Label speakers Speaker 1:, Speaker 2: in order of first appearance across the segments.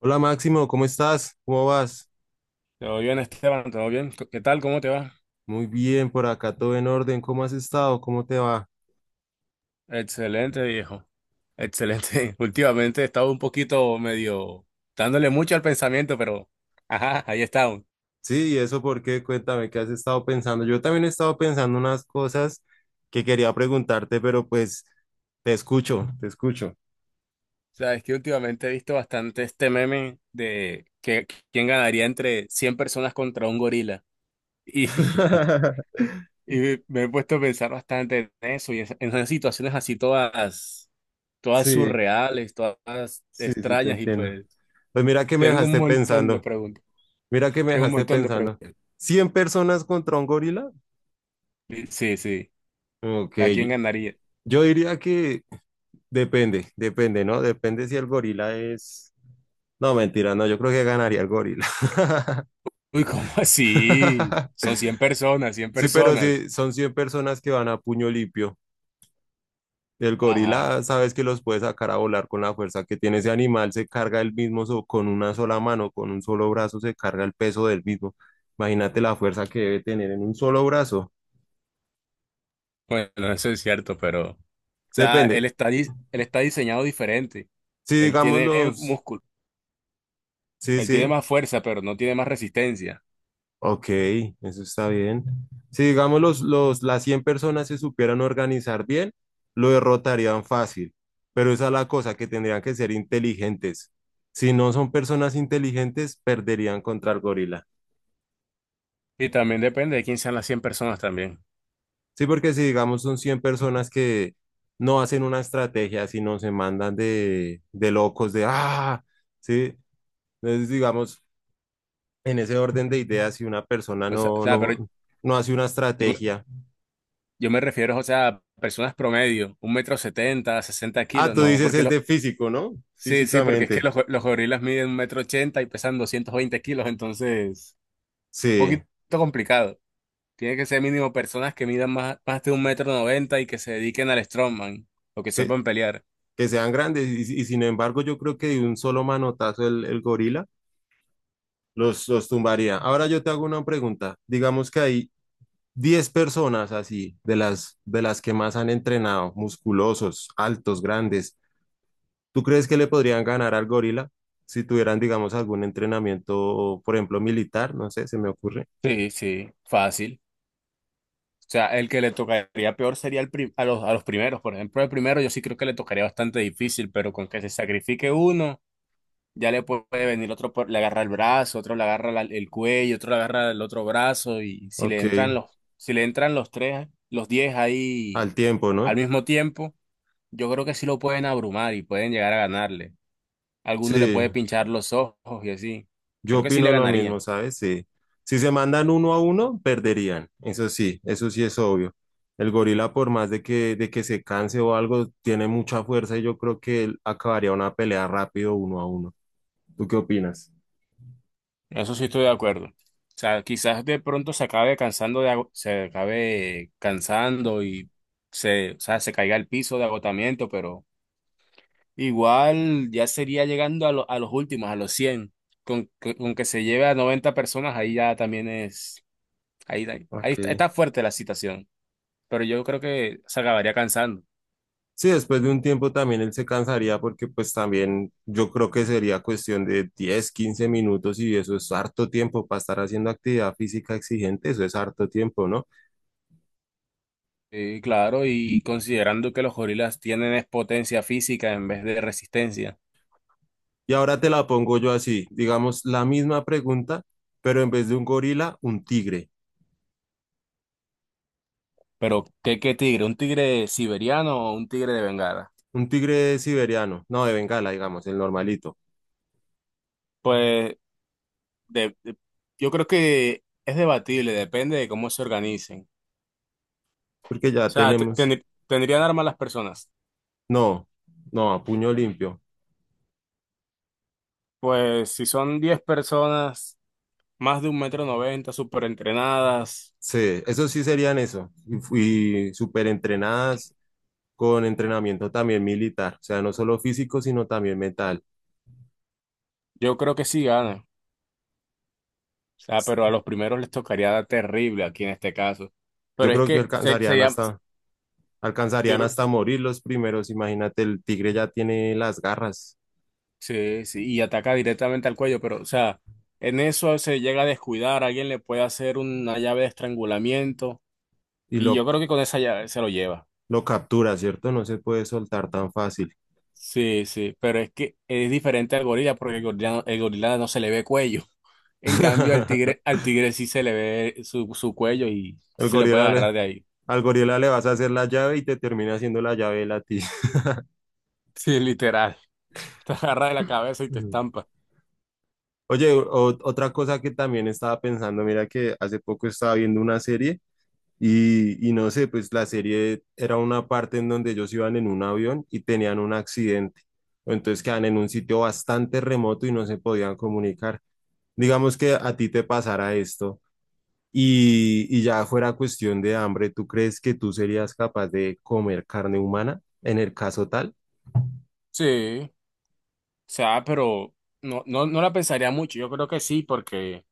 Speaker 1: Hola Máximo, ¿cómo estás? ¿Cómo vas?
Speaker 2: Todo bien, Esteban, todo bien. ¿Qué tal? ¿Cómo te va?
Speaker 1: Muy bien, por acá todo en orden. ¿Cómo has estado? ¿Cómo te va?
Speaker 2: Excelente, viejo. Excelente. Últimamente he estado un poquito medio dándole mucho al pensamiento, pero ajá, ahí está. Aún.
Speaker 1: Sí, ¿y eso por qué? Cuéntame, ¿qué has estado pensando? Yo también he estado pensando unas cosas que quería preguntarte, pero pues te escucho, te escucho.
Speaker 2: O sea, es que últimamente he visto bastante este meme de que quién ganaría entre 100 personas contra un gorila. Y, y me he puesto a pensar bastante en eso y en esas situaciones así todas
Speaker 1: Sí,
Speaker 2: surreales, todas
Speaker 1: sí, sí, te
Speaker 2: extrañas y
Speaker 1: entiendo.
Speaker 2: pues
Speaker 1: Pues mira que me
Speaker 2: tengo un
Speaker 1: dejaste
Speaker 2: montón de
Speaker 1: pensando,
Speaker 2: preguntas.
Speaker 1: mira que me
Speaker 2: Tengo un
Speaker 1: dejaste
Speaker 2: montón de
Speaker 1: pensando.
Speaker 2: preguntas.
Speaker 1: ¿100 personas contra un gorila?
Speaker 2: Sí, sí.
Speaker 1: Ok,
Speaker 2: ¿A
Speaker 1: yo
Speaker 2: quién ganaría?
Speaker 1: yo diría que depende, depende, ¿no? Depende si el gorila es... No, mentira, no, yo creo que ganaría el gorila.
Speaker 2: Uy, ¿cómo así? Son 100 personas, 100
Speaker 1: Sí, pero
Speaker 2: personas.
Speaker 1: si son 100 personas que van a puño limpio, el
Speaker 2: Ajá.
Speaker 1: gorila sabes que los puede sacar a volar con la fuerza que tiene ese animal, se carga el mismo con una sola mano, con un solo brazo se carga el peso del mismo. Imagínate la fuerza que debe tener en un solo brazo.
Speaker 2: Bueno, eso es cierto, pero... O sea,
Speaker 1: Depende.
Speaker 2: él está diseñado diferente.
Speaker 1: Si
Speaker 2: Él
Speaker 1: digamos
Speaker 2: tiene
Speaker 1: los,
Speaker 2: músculo,
Speaker 1: sí,
Speaker 2: él tiene
Speaker 1: sí,
Speaker 2: más fuerza, pero no tiene más resistencia.
Speaker 1: ok, eso está bien. Si digamos las 100 personas se supieran organizar bien, lo derrotarían fácil, pero esa es la cosa, que tendrían que ser inteligentes. Si no son personas inteligentes, perderían contra el gorila.
Speaker 2: Y también depende de quién sean las 100 personas también.
Speaker 1: Sí, porque si digamos son 100 personas que no hacen una estrategia, sino se mandan de locos, de ¡ah! Sí, entonces digamos, en ese orden de ideas, si una persona
Speaker 2: O sea, pero yo,
Speaker 1: no hace una
Speaker 2: me-
Speaker 1: estrategia,
Speaker 2: yo me refiero, o sea, a personas promedio, 1,70 m, 60
Speaker 1: ah,
Speaker 2: kilos,
Speaker 1: tú
Speaker 2: no,
Speaker 1: dices
Speaker 2: porque
Speaker 1: es
Speaker 2: los...
Speaker 1: de físico, ¿no?
Speaker 2: Sí, sí, porque es que
Speaker 1: Físicamente,
Speaker 2: los gorilas miden 1,80 m y pesan 220 kilos, entonces, un
Speaker 1: sí,
Speaker 2: poquito complicado. Tiene que ser mínimo personas que midan más de 1,90 m y que se dediquen al strongman o que
Speaker 1: que,
Speaker 2: sepan pelear.
Speaker 1: que sean grandes y sin embargo yo creo que de un solo manotazo el gorila los tumbaría. Ahora yo te hago una pregunta, digamos que hay 10 personas así, de las que más han entrenado, musculosos, altos, grandes, ¿tú crees que le podrían ganar al gorila si tuvieran, digamos, algún entrenamiento, por ejemplo, militar? No sé, se me ocurre.
Speaker 2: Sí, sí, fácil. O sea, el que le tocaría peor sería el pri- a los primeros. Por ejemplo, el primero yo sí creo que le tocaría bastante difícil, pero con que se sacrifique uno, ya le puede venir otro, le agarra el brazo, otro le agarra el cuello, otro le agarra el otro brazo y si le
Speaker 1: Ok,
Speaker 2: entran los tres, los 10 ahí
Speaker 1: al tiempo,
Speaker 2: al
Speaker 1: ¿no?
Speaker 2: mismo tiempo, yo creo que sí lo pueden abrumar y pueden llegar a ganarle. Alguno le
Speaker 1: Sí.
Speaker 2: puede pinchar los ojos y así.
Speaker 1: Yo
Speaker 2: Creo que sí le
Speaker 1: opino lo mismo,
Speaker 2: ganarían.
Speaker 1: ¿sabes? Sí. Si se mandan uno a uno, perderían. Eso sí es obvio. El gorila, por más de de que se canse o algo, tiene mucha fuerza y yo creo que él acabaría una pelea rápido uno a uno. ¿Tú qué opinas?
Speaker 2: Eso sí estoy de acuerdo. O sea, quizás de pronto se acabe cansando y se, o sea, se caiga al piso de agotamiento, pero igual ya sería llegando a los últimos, a los 100. Con que se lleve a 90 personas, ahí ya también es, ahí, ahí está
Speaker 1: Ok.
Speaker 2: está fuerte la situación. Pero yo creo que se acabaría cansando.
Speaker 1: Sí, después de un tiempo también él se cansaría porque pues también yo creo que sería cuestión de 10 15 minutos y eso es harto tiempo para estar haciendo actividad física exigente, eso es harto tiempo, ¿no?
Speaker 2: Sí, claro, y considerando que los gorilas tienen es potencia física en vez de resistencia.
Speaker 1: Y ahora te la pongo yo así, digamos, la misma pregunta, pero en vez de un gorila, un tigre.
Speaker 2: Pero, ¿qué tigre? ¿Un tigre siberiano o un tigre de Bengala?
Speaker 1: Un tigre siberiano, no de Bengala, digamos, el normalito,
Speaker 2: Pues de- de- yo creo que es debatible, depende de cómo se organicen.
Speaker 1: porque
Speaker 2: O
Speaker 1: ya
Speaker 2: sea,
Speaker 1: tenemos,
Speaker 2: ¿tendrían armas las personas?
Speaker 1: no, no, a puño limpio.
Speaker 2: Pues si son 10 personas, más de 1,90 m, súper entrenadas,
Speaker 1: Sí, eso sí serían eso. Y fui súper entrenadas con entrenamiento también militar, o sea, no solo físico, sino también mental.
Speaker 2: yo creo que sí ganan. O sea, pero a los primeros les tocaría dar terrible aquí en este caso.
Speaker 1: Yo
Speaker 2: Pero es
Speaker 1: creo que
Speaker 2: que se llama... yo
Speaker 1: alcanzarían
Speaker 2: creo.
Speaker 1: hasta morir los primeros. Imagínate, el tigre ya tiene las garras
Speaker 2: Sí, sí, y ataca directamente al cuello, pero, o sea, en eso se llega a descuidar, alguien le puede hacer una llave de estrangulamiento,
Speaker 1: y
Speaker 2: y yo
Speaker 1: lo
Speaker 2: creo que con esa llave se lo lleva.
Speaker 1: captura, ¿cierto? No se puede soltar tan fácil.
Speaker 2: Sí, sí, pero es que es diferente al gorila, porque el gorila no se le ve cuello. En cambio, al tigre sí se le ve su cuello y
Speaker 1: Al
Speaker 2: se le puede
Speaker 1: gorila le,
Speaker 2: agarrar de ahí.
Speaker 1: al gorila le vas a hacer la llave y te termina haciendo la llave él a ti.
Speaker 2: Sí, literal. Te agarra de la cabeza y te
Speaker 1: Ujú.
Speaker 2: estampa.
Speaker 1: Oye, otra cosa que también estaba pensando, mira que hace poco estaba viendo una serie y no sé, pues la serie era una parte en donde ellos iban en un avión y tenían un accidente. Entonces quedan en un sitio bastante remoto y no se podían comunicar. Digamos que a ti te pasara esto. Y ya fuera cuestión de hambre, ¿tú crees que tú serías capaz de comer carne humana en el caso tal?
Speaker 2: Sí, o sea, pero no, no, no la pensaría mucho. Yo creo que sí, porque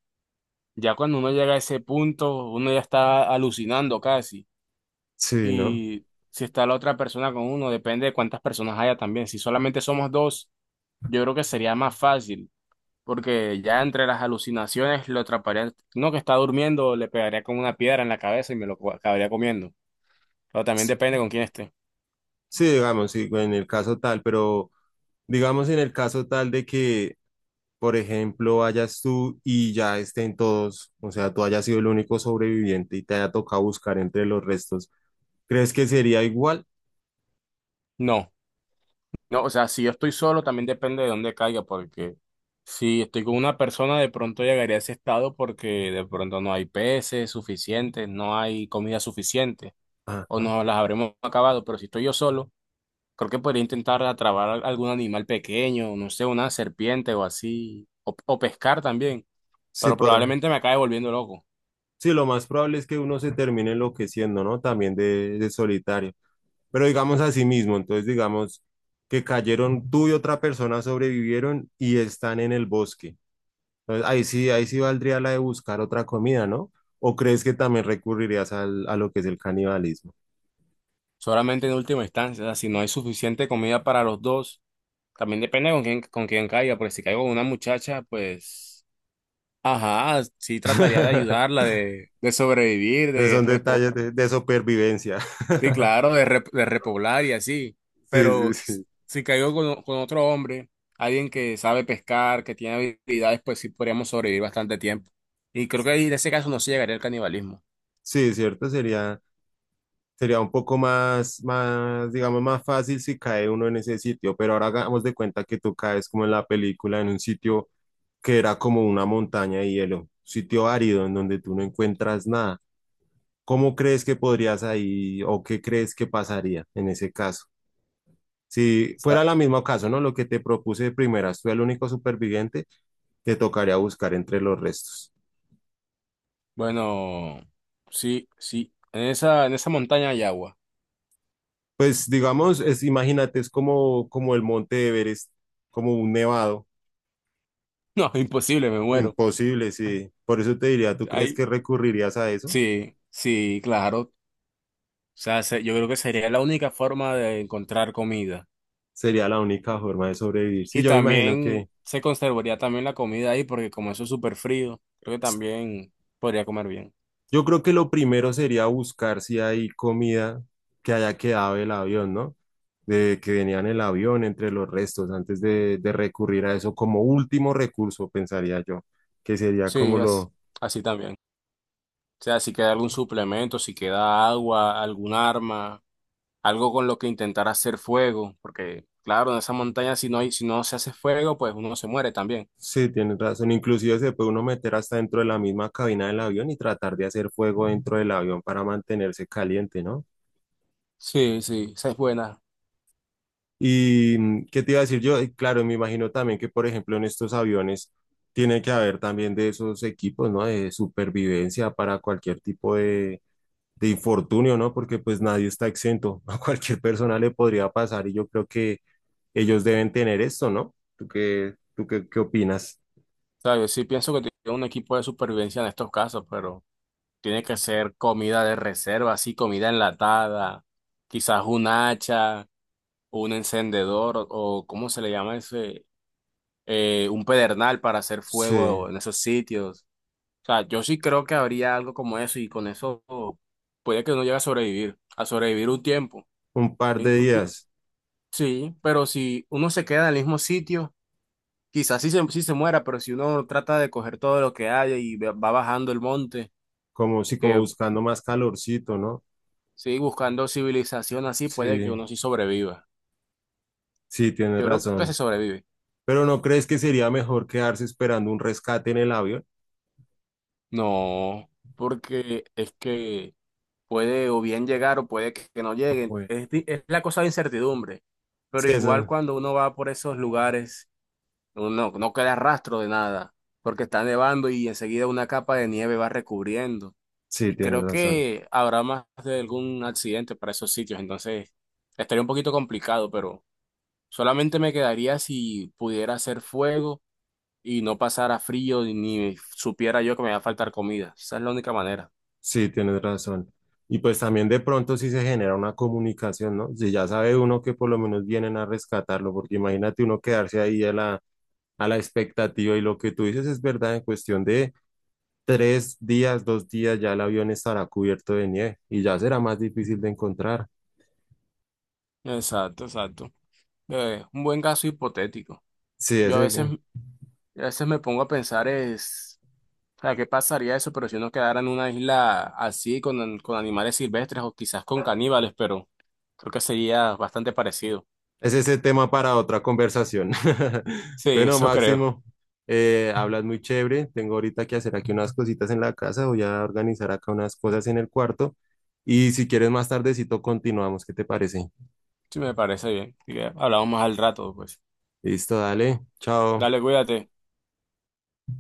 Speaker 2: ya cuando uno llega a ese punto, uno ya está alucinando casi.
Speaker 1: Sí, ¿no?
Speaker 2: Y si está la otra persona con uno, depende de cuántas personas haya también. Si solamente somos dos, yo creo que sería más fácil, porque ya entre las alucinaciones lo atraparía. No que está durmiendo, le pegaría con una piedra en la cabeza y me lo acabaría comiendo. Pero también
Speaker 1: Sí,
Speaker 2: depende con quién esté.
Speaker 1: sí, digamos, sí, en el caso tal, pero digamos en el caso tal de que, por ejemplo, vayas tú y ya estén todos, o sea, tú hayas sido el único sobreviviente y te haya tocado buscar entre los restos, ¿crees que sería igual?
Speaker 2: No. No, o sea, si yo estoy solo, también depende de dónde caiga, porque si estoy con una persona, de pronto llegaría a ese estado porque de pronto no hay peces suficientes, no hay comida suficiente, o
Speaker 1: Ajá,
Speaker 2: no las habremos acabado. Pero si estoy yo solo, creo que podría intentar atrapar algún animal pequeño, no sé, una serpiente o así, o pescar también,
Speaker 1: sí,
Speaker 2: pero
Speaker 1: podría.
Speaker 2: probablemente me acabe volviendo loco.
Speaker 1: Sí, lo más probable es que uno se termine enloqueciendo, ¿no? También de solitario. Pero digamos así mismo, entonces digamos que cayeron tú y otra persona sobrevivieron y están en el bosque. Entonces ahí sí valdría la de buscar otra comida, ¿no? ¿O crees que también recurrirías a lo que es el canibalismo?
Speaker 2: Solamente en última instancia, o sea, si no hay suficiente comida para los dos, también depende con quién caiga, porque si caigo con una muchacha, pues. Ajá, sí trataría de ayudarla, de, sobrevivir,
Speaker 1: Esos son detalles de supervivencia.
Speaker 2: sí, claro, de repoblar y así.
Speaker 1: Sí, sí,
Speaker 2: Pero s-
Speaker 1: sí.
Speaker 2: si caigo con otro hombre, alguien que sabe pescar, que tiene habilidades, pues sí podríamos sobrevivir bastante tiempo. Y creo que ahí en ese caso no se llegaría al canibalismo. O
Speaker 1: Sí, cierto, sería, sería un poco más, más, digamos, más fácil si cae uno en ese sitio, pero ahora hagamos de cuenta que tú caes como en la película, en un sitio que era como una montaña de hielo, sitio árido en donde tú no encuentras nada. ¿Cómo crees que podrías ahí o qué crees que pasaría en ese caso? Si fuera el mismo caso, ¿no? Lo que te propuse de primeras, tú el único superviviente, te tocaría buscar entre los restos.
Speaker 2: bueno, sí, sí, en esa montaña hay agua.
Speaker 1: Pues digamos, es, imagínate, es como, como el monte Everest, como un nevado,
Speaker 2: No, imposible, me muero.
Speaker 1: imposible, sí. Por eso te diría, ¿tú crees
Speaker 2: Ahí,
Speaker 1: que recurrirías a eso?
Speaker 2: sí, sí, claro. O sea, yo creo que sería la única forma de encontrar comida.
Speaker 1: Sería la única forma de sobrevivir. Sí,
Speaker 2: Y
Speaker 1: yo me imagino
Speaker 2: también
Speaker 1: que
Speaker 2: se conservaría también la comida ahí, porque como eso es súper frío, creo que también podría comer bien.
Speaker 1: yo creo que lo primero sería buscar si hay comida que haya quedado del avión, ¿no? De que venía en el avión entre los restos, antes de recurrir a eso como último recurso, pensaría yo, que sería
Speaker 2: Sí,
Speaker 1: como
Speaker 2: así,
Speaker 1: lo...
Speaker 2: así también. O sea, si queda algún suplemento, si queda agua, algún arma, algo con lo que intentar hacer fuego, porque claro, en esa montaña si no hay, si no se hace fuego, pues uno se muere también.
Speaker 1: Sí, tienes razón. Inclusive se puede uno meter hasta dentro de la misma cabina del avión y tratar de hacer fuego dentro del avión para mantenerse caliente, ¿no?
Speaker 2: Sí, sí, esa es buena.
Speaker 1: ¿Y qué te iba a decir yo? Y claro, me imagino también que, por ejemplo, en estos aviones tiene que haber también de esos equipos, ¿no? De supervivencia para cualquier tipo de infortunio, ¿no? Porque pues nadie está exento. A cualquier persona le podría pasar y yo creo que ellos deben tener esto, ¿no? Qué opinas?
Speaker 2: ¿Sabes? Sí pienso que tiene un equipo de supervivencia en estos casos, pero tiene que ser comida de reserva, así comida enlatada, quizás un hacha. Un encendedor o ¿cómo se le llama ese? Un pedernal para hacer fuego
Speaker 1: Sí,
Speaker 2: en esos sitios. O sea, yo sí creo que habría algo como eso y con eso puede que uno llegue a sobrevivir un tiempo.
Speaker 1: un par de
Speaker 2: Inclu- y-
Speaker 1: días,
Speaker 2: Sí, pero si uno se queda en el mismo sitio, quizás sí se muera, pero si uno trata de coger todo lo que haya y va bajando el monte,
Speaker 1: como si como
Speaker 2: que
Speaker 1: buscando más calorcito, ¿no?
Speaker 2: sigue buscando civilización así, puede que
Speaker 1: Sí,
Speaker 2: uno sí sobreviva.
Speaker 1: sí, tienes
Speaker 2: Yo creo que se
Speaker 1: razón.
Speaker 2: sobrevive.
Speaker 1: Pero ¿no crees que sería mejor quedarse esperando un rescate en el avión?
Speaker 2: No, porque es que puede o bien llegar o puede que no lleguen. Es la cosa de incertidumbre, pero
Speaker 1: Sí,
Speaker 2: igual
Speaker 1: eso,
Speaker 2: cuando uno va por esos lugares, uno no queda rastro de nada, porque está nevando y enseguida una capa de nieve va recubriendo.
Speaker 1: sí,
Speaker 2: Y
Speaker 1: tienes
Speaker 2: creo
Speaker 1: razón.
Speaker 2: que habrá más de algún accidente para esos sitios, entonces estaría un poquito complicado, pero solamente me quedaría si pudiera hacer fuego y no pasara frío ni supiera yo que me va a faltar comida. Esa es la única manera.
Speaker 1: Sí, tienes razón. Y pues también de pronto sí se genera una comunicación, ¿no? Si ya sabe uno que por lo menos vienen a rescatarlo, porque imagínate uno quedarse ahí a la expectativa y lo que tú dices es verdad, en cuestión de 3 días, 2 días ya el avión estará cubierto de nieve y ya será más difícil de encontrar.
Speaker 2: Exacto, exacto. Un buen caso hipotético.
Speaker 1: Sí,
Speaker 2: Yo
Speaker 1: ese,
Speaker 2: a veces me pongo a pensar es, o sea, ¿qué pasaría eso? Pero si uno quedara en una isla así con animales silvestres o quizás con caníbales, pero creo que sería bastante parecido.
Speaker 1: es ese tema para otra conversación.
Speaker 2: Sí,
Speaker 1: Bueno,
Speaker 2: eso creo.
Speaker 1: Máximo, hablas muy chévere. Tengo ahorita que hacer aquí unas cositas en la casa. Voy a organizar acá unas cosas en el cuarto. Y si quieres más tardecito continuamos. ¿Qué te parece?
Speaker 2: Sí, me parece bien. Así que hablamos más al rato, pues.
Speaker 1: Listo, dale. Chao.
Speaker 2: Dale, cuídate.